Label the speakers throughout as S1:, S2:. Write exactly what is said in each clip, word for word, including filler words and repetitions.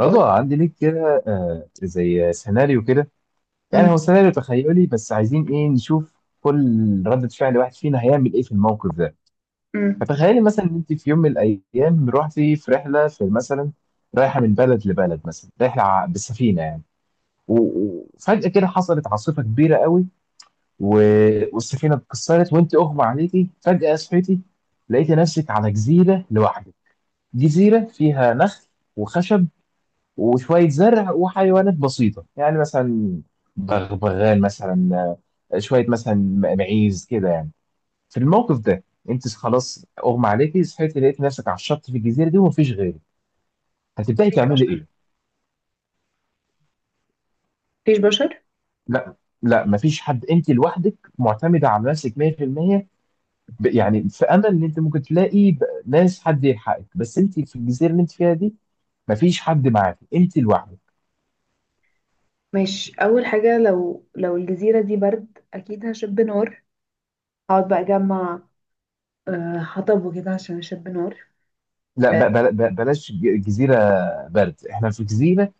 S1: بقول.
S2: رضا، عندي ليك كده، آه، زي سيناريو كده. يعني
S1: مم.
S2: هو سيناريو تخيلي، بس عايزين ايه؟ نشوف كل ردة فعل واحد فينا هيعمل ايه في الموقف ده.
S1: مم.
S2: فتخيلي مثلا ان انت في يوم من الايام رحتي في رحلة، في مثلا رايحة من بلد لبلد، مثلا رحلة ع- بالسفينة يعني. و- و- وفجأة كده حصلت عاصفة كبيرة قوي، و- والسفينة اتكسرت، وانت اغمى عليكي. فجأة صحيتي لقيتي نفسك على جزيرة لوحدك. جزيرة فيها نخل وخشب وشوية زرع وحيوانات بسيطة، يعني مثلا بغبغان مثلا، آه، شوية مثلا م- معيز كده يعني. في الموقف ده انت خلاص اغمى عليكي، صحيتي لقيت نفسك على الشط في الجزيرة دي ومفيش غيرك. هتبدأي
S1: مفيش
S2: تعملي
S1: بشر.
S2: ايه؟
S1: مفيش بشر.
S2: لا، لا مفيش حد، انت لوحدك معتمدة على نفسك مية في المية. ب- يعني في امل ان انت ممكن تلاقي ب- ناس، حد يلحقك، بس انت في الجزيرة اللي انت فيها دي مفيش حد معاك، انت لوحدك.
S1: ماشي، اول حاجه لو لو الجزيره دي برد اكيد هشب نار. هقعد بقى اجمع آه، حطب وكده عشان اشب نار.
S2: لا،
S1: آه،
S2: ب- بل- بل- بلاش ج- جزيرة برد، احنا في جزيرة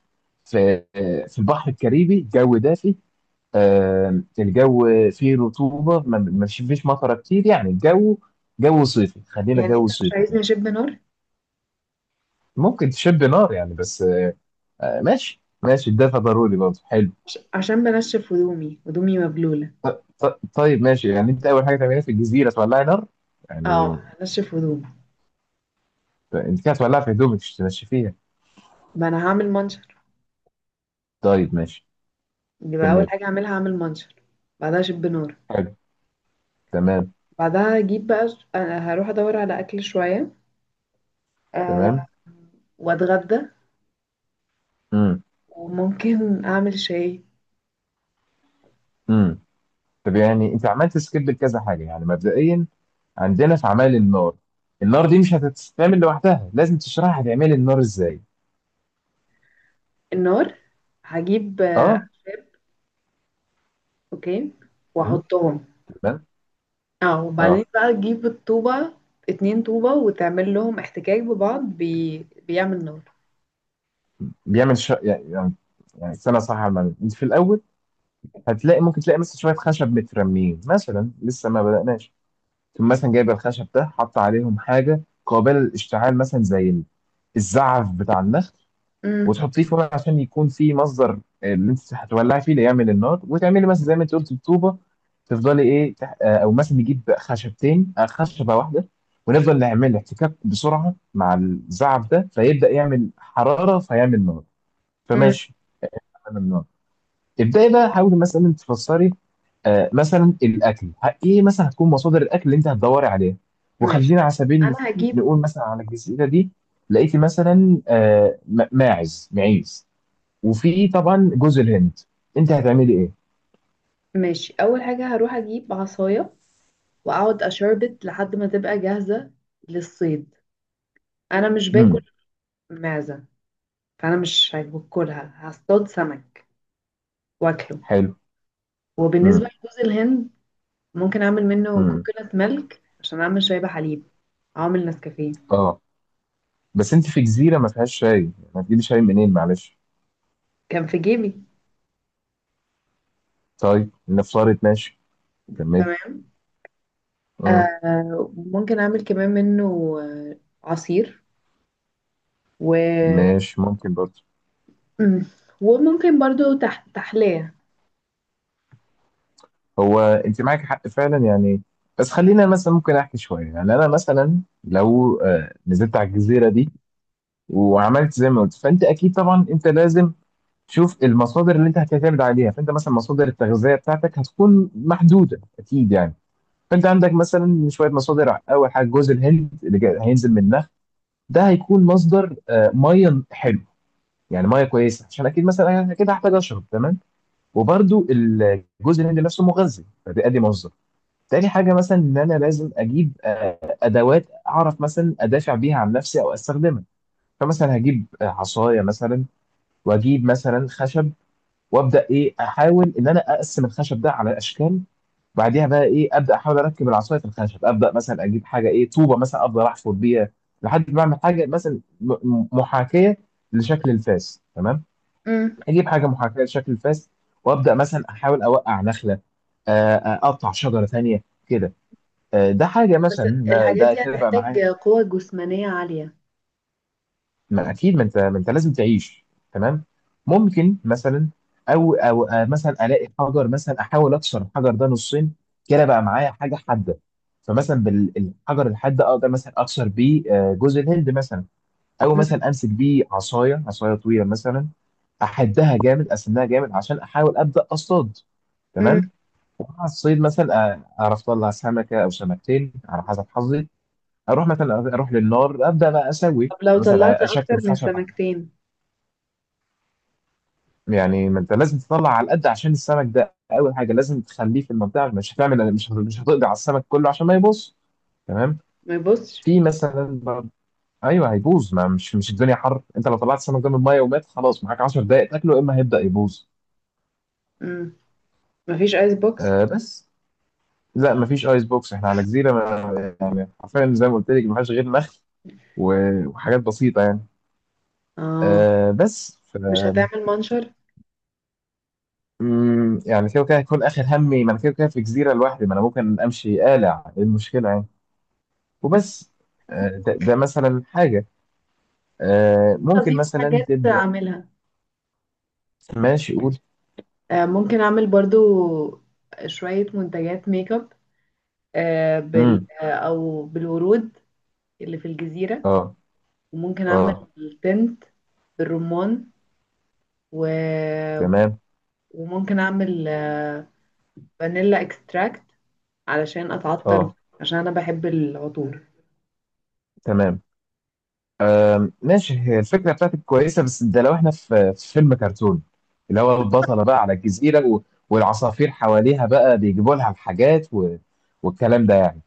S2: في في البحر الكاريبي، الجو دافي. آم، الجو فيه رطوبة، ما ما فيش مطرة كتير، يعني الجو جو صيفي، خلينا
S1: يعني
S2: جو
S1: انت مش
S2: صيفي كده.
S1: عايزني اشب نار؟
S2: ممكن تشب نار يعني، بس آه، ماشي ماشي، الدفا ضروري برضه، حلو.
S1: عش- عشان بنشف هدومي. هدومي مبلوله.
S2: ط- ط- طيب ماشي، يعني انت اول حاجة تعملها في الجزيرة تولعي نار
S1: اه
S2: يعني.
S1: هنشف هدومي.
S2: انت كده هتولعها في هدومك مش تمشي فيها؟
S1: ما انا هعمل منشر.
S2: طيب ماشي.
S1: يبقى اول
S2: كمل.
S1: حاجه هعملها هعمل منشر. بعدها اشب نار.
S2: حلو. تمام.
S1: بعدها اجيب بقى. أنا هروح ادور على اكل شويه. آه،
S2: تمام.
S1: واتغدى.
S2: امم.
S1: وممكن اعمل شاي.
S2: امم. طب يعني انت عملت سكيب لكذا حاجة يعني مبدئيا. عندنا في عمل النار، النار دي مش هتتعمل لوحدها، لازم تشرح هتعمل النار ازاي.
S1: النار هجيب.
S2: اه.
S1: اوكي،
S2: مم.
S1: واحطهم.
S2: تمام.
S1: اه وبعدين
S2: اه.
S1: بقى تجيب الطوبة. اتنين طوبة وتعمل لهم احتكاك ببعض بي... بيعمل نار.
S2: بيعمل ش... يعني يعني يعني استنى صح على المعلومة. انت في الاول هتلاقي، ممكن تلاقي مثلا شويه خشب مترميين مثلا، لسه ما بدأناش. ثم مثلا جايب الخشب ده حط عليهم حاجه قابله للاشتعال مثلا، زي ال- الزعف بتاع النخل،
S1: امم.
S2: وتحطيه في ورق عشان يكون في مصدر اللي انت هتولعي فيه، اللي يعمل النار. وتعملي مثلا زي ما انت قلت بطوبه، تفضلي ايه تح... آه، او مثلا نجيب خشبتين، آه، خشبه واحده، ونفضل نعمل احتكاك بسرعه مع الزعف ده، فيبدا يعمل حراره فيعمل نار.
S1: امم
S2: فماشي. عمل النار، تبداي بقى حاولي مثلا تفسري، آه، مثلا الاكل، ه- ايه مثلا هتكون مصادر الاكل اللي انت هتدوري عليها؟
S1: ماشي.
S2: وخلينا على سبيل
S1: انا
S2: المثال
S1: هجيب.
S2: نقول مثلا على الجزيره دي لقيتي مثلا آه، م- ماعز، معيز، وفي طبعا جوز الهند، انت هتعملي ايه؟
S1: ماشي، اول حاجة هروح اجيب عصاية واقعد اشربت لحد ما تبقى جاهزة للصيد. انا مش باكل
S2: امم.
S1: معزة، فانا مش هاكلها. هصطاد سمك واكله.
S2: حلو. امم.
S1: وبالنسبة لجوز الهند، ممكن اعمل منه
S2: امم.
S1: كوكونات ميلك عشان اعمل شاي بحليب. اعمل نسكافيه.
S2: اه، بس انت في جزيره ما فيهاش شاي، هتجيبي شاي منين معلش؟
S1: كان في جيبي.
S2: طيب نفترض ماشي. كملي.
S1: تمام.
S2: امم.
S1: آه ممكن اعمل كمان منه آه، عصير و
S2: ماشي، ممكن برضه.
S1: مم. وممكن برضو تح... تحلية.
S2: هو انت معاك حق فعلا يعني، بس خلينا مثلا ممكن احكي شويه. يعني انا مثلا لو آه، نزلت على الجزيره دي وعملت زي ما قلت، فانت اكيد طبعا انت لازم تشوف المصادر اللي انت هتعتمد عليها. فانت مثلا مصادر التغذيه بتاعتك هتكون محدوده اكيد يعني. فانت عندك مثلا شويه مصادر. اول حاجه جوز الهند، اللي جاي هينزل منها ده هيكون مصدر آه، ميه، حلو، يعني ميه كويسه عشان اكيد مثلا انا كده هحتاج اشرب، تمام. وبرده الجوز الهند نفسه مغذي، فده ادي مصدر. تاني حاجه مثلا ان انا لازم اجيب آه، ادوات اعرف مثلا ادافع بيها عن نفسي او استخدمها. فمثلا هجيب آه، عصايه مثلا، واجيب مثلا خشب، وابدا ايه، احاول ان انا اقسم الخشب ده على اشكال. بعديها بقى ايه، ابدا احاول اركب العصايه في الخشب. ابدا مثلا اجيب حاجه ايه، طوبه مثلا، افضل احفر بيها لحد ما اعمل حاجه مثلا م- محاكيه لشكل الفاس، تمام.
S1: مم.
S2: اجيب حاجه محاكيه لشكل الفاس، وابدا مثلا احاول اوقع نخله، آه، آه، اقطع شجره ثانيه كده. آه، ده حاجه
S1: بس
S2: مثلا، ده
S1: الحاجات
S2: ده
S1: دي
S2: كده بقى
S1: هتحتاج
S2: معايا.
S1: قوة جسمانية عالية.
S2: ما اكيد، ما انت ما انت لازم تعيش، تمام. ممكن مثلا او او آه، مثلا الاقي حجر، مثلا احاول اكسر الحجر ده نصين، كده بقى معايا حاجه حاده. فمثلا بالحجر الحاد ده اقدر مثلا اكسر بيه آه، جوز الهند مثلا، او
S1: مم.
S2: مثلا امسك بيه عصايه، عصايه طويله مثلا، احدها جامد، اسنها جامد، عشان احاول ابدا اصطاد،
S1: مم.
S2: تمام. ومع الصيد مثلا آه، اعرف اطلع سمكه او سمكتين على حسب حظي، اروح مثلا، اروح للنار، ابدا بقى اسوي
S1: طب لو طلعت
S2: مثلا
S1: اكتر
S2: اشكل
S1: من
S2: خشب.
S1: سمكتين؟
S2: يعني ما انت لازم تطلع على القد، عشان السمك ده اول حاجه لازم تخليه في المنطقه، مش هتعمل مش مش هتقضي على السمك كله عشان ما يبوظ، تمام.
S1: ما يبصش.
S2: في مثلا برضه، ايوه هيبوظ، ما مش مش الدنيا حر، انت لو طلعت السمك ده من الميه ومات خلاص معاك 10 دقائق تاكله، يا اما هيبدا يبوظ.
S1: مم. مفيش ايس بوكس.
S2: آه بس، لا مفيش ايس بوكس، احنا على جزيره، ما يعني حرفيا زي ما قلت لك ما فيهاش غير نخل و- وحاجات بسيطه يعني.
S1: اه
S2: آه بس ف...
S1: مش هتعمل منشر.
S2: مم، يعني كده كده هيكون اخر همي، ما انا كده كده في جزيره لوحدي، ما انا ممكن امشي قالع، ايه المشكله يعني؟ وبس. آه، ده, ده مثلا حاجة، آه، ممكن
S1: اضيف
S2: مثلا
S1: حاجات
S2: تبدأ.
S1: اعملها.
S2: ماشي، قول.
S1: آه ممكن اعمل برضو شوية منتجات ميك اب. آه بال...
S2: امم.
S1: آه، او بالورود اللي في الجزيرة.
S2: اه.
S1: وممكن اعمل
S2: اه.
S1: تنت بالرمان و...
S2: تمام.
S1: وممكن اعمل آه، فانيلا اكستراكت علشان اتعطر بيه،
S2: اه.
S1: عشان انا بحب العطور.
S2: تمام. آم، ماشي، هي الفكرة بتاعتك كويسة، بس ده لو احنا في في فيلم كرتون، اللي هو البطلة بقى على الجزيرة و- والعصافير حواليها بقى بيجيبوا لها الحاجات و... والكلام ده يعني،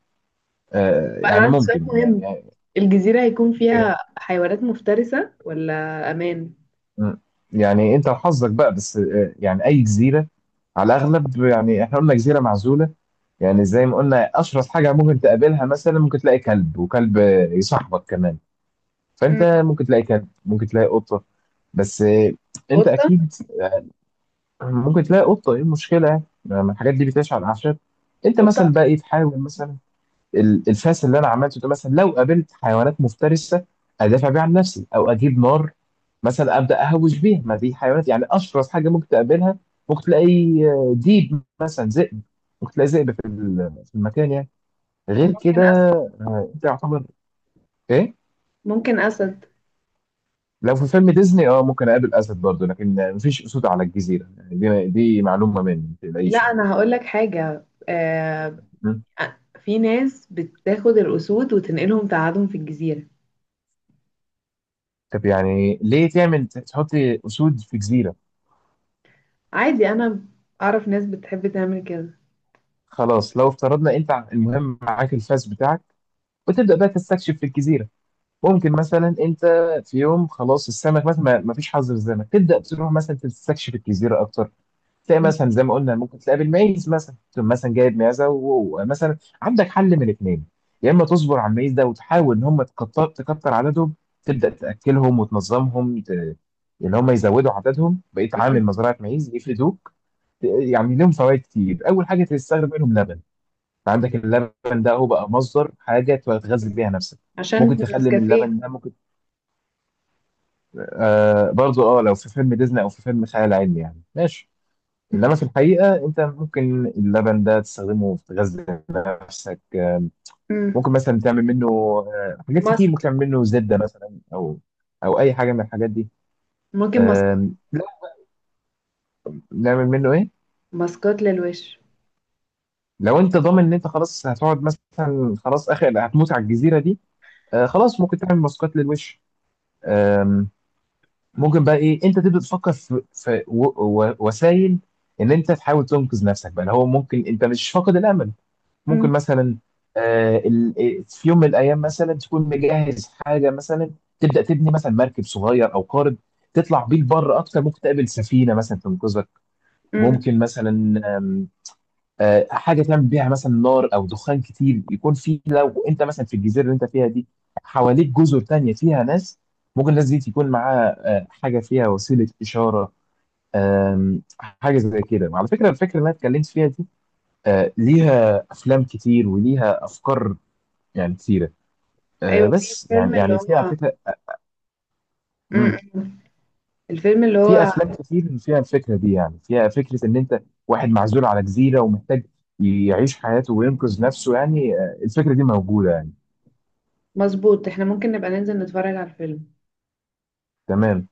S2: آه،
S1: فانا
S2: يعني
S1: عندي سؤال
S2: ممكن
S1: مهم،
S2: يعني.
S1: الجزيرة هيكون فيها حيوانات مفترسة ولا امان؟
S2: مم. يعني انت وحظك بقى، بس آه، يعني اي جزيرة على الاغلب، يعني احنا قلنا جزيرة معزولة، يعني زي ما قلنا اشرس حاجه ممكن تقابلها مثلا، ممكن تلاقي كلب، وكلب يصاحبك كمان. فانت
S1: مم.
S2: ممكن تلاقي كلب، ممكن تلاقي قطه، بس آه، انت
S1: قطة.
S2: اكيد آه، ممكن تلاقي قطه، ايه المشكله يعني؟ ما الحاجات دي بتعيش على الاعشاب. انت مثلا
S1: قطة.
S2: بقى ايه، تحاول مثلا ال- الفاس اللي انا عملته ده، مثلا لو قابلت حيوانات مفترسه ادافع بيها عن نفسي، او اجيب نار مثلا ابدا اهوش بيها، ما دي حيوانات يعني. اشرس حاجه ممكن تقابلها ممكن تلاقي آه، ديب مثلا، ذئب، ممكن تلاقي ذئب في ال- في المكان يعني، غير كده.
S1: وممكن اسد.
S2: آه، انت يعتبر ايه؟
S1: ممكن اسد.
S2: لو في فيلم ديزني اه ممكن اقابل اسد برضه، لكن مفيش اسود على الجزيره يعني، دي دي معلومه مني، ما
S1: لا
S2: تقلقيش يعني.
S1: انا هقول لك حاجة آه...
S2: م؟
S1: في ناس بتاخد الاسود وتنقلهم تقعدهم في الجزيرة.
S2: طب يعني ليه تعمل، تحط اسود في جزيره؟
S1: عادي، انا اعرف ناس بتحب تعمل كده.
S2: خلاص لو افترضنا، انت المهم معاك الفاس بتاعك، وتبدا بقى تستكشف في الجزيره. ممكن مثلا انت في يوم خلاص السمك مثلا ما ما فيش حظر السمك، تبدا تروح مثلا تستكشف الجزيره اكتر، تلاقي مثلا زي ما قلنا ممكن تلاقي بالمعيز مثلا، تقوم مثلا جايب معزه، ومثلا عندك حل من الاثنين، يا اما تصبر على المعيز ده وتحاول ان هم تكتر تكتر عددهم، تبدا تاكلهم وتنظمهم ت... اللي هم يزودوا عددهم، بقيت
S1: مم.
S2: عامل مزرعه معيز يفردوك. يعني لهم فوائد كتير، اول حاجه تستخدم منهم لبن، عندك اللبن ده هو بقى مصدر حاجه تغذي بيها نفسك. ممكن
S1: عشان
S2: تخلي من
S1: نسكافيه.
S2: اللبن ده ممكن آه برضو، اه لو في فيلم ديزني او في فيلم خيال علمي يعني ماشي، انما في الحقيقه انت ممكن اللبن ده تستخدمه في غزل نفسك، آه، ممكن
S1: امم.
S2: مثلا تعمل منه آه، حاجات كتير، ممكن
S1: ماسك.
S2: تعمل منه زبده مثلا، او او اي حاجه من الحاجات دي.
S1: ممكن ماسكات.
S2: آم، لا، نعمل منه ايه؟
S1: ماسكات للوش.
S2: لو انت ضامن ان انت خلاص هتقعد مثلا، خلاص اخر هتموت على الجزيره دي، آه، خلاص ممكن تعمل ماسكات للوش. آم، ممكن بقى ايه، انت تبدا تفكر في, في و- و- وسائل ان انت تحاول تنقذ نفسك بقى، اللي هو ممكن انت مش فاقد الامل. ممكن
S1: مم.
S2: مثلا آه، ال- آه، في يوم من الايام مثلا تكون مجهز حاجه مثلا تبدا تبني مثلا مركب صغير او قارب، تطلع بيه لبره اكتر، ممكن تقابل سفينه مثلا تنقذك.
S1: امم.
S2: ممكن مثلا آم، آه، حاجه تعمل بيها مثلا نار او دخان كتير، يكون في لو انت مثلا في الجزيره اللي انت فيها دي حواليك جزر تانية فيها ناس، ممكن الناس دي تكون معاها آه، حاجه فيها وسيله اشاره. آم، حاجه زي كده. على فكره، الفكره اللي انا اتكلمت فيها دي آه، ليها افلام كتير وليها افكار يعني كتيرة. آه
S1: ايوه في
S2: بس
S1: فيلم
S2: يعني،
S1: اللي
S2: يعني في على
S1: هو.
S2: فكرة. مم.
S1: امم. الفيلم اللي
S2: في
S1: هو.
S2: أفلام كتير فيها الفكرة دي، يعني فيها فكرة إن أنت واحد معزول على جزيرة ومحتاج يعيش حياته وينقذ نفسه يعني، آه الفكرة دي موجودة يعني.
S1: مظبوط، احنا ممكن نبقى ننزل نتفرج على الفيلم.
S2: تمام.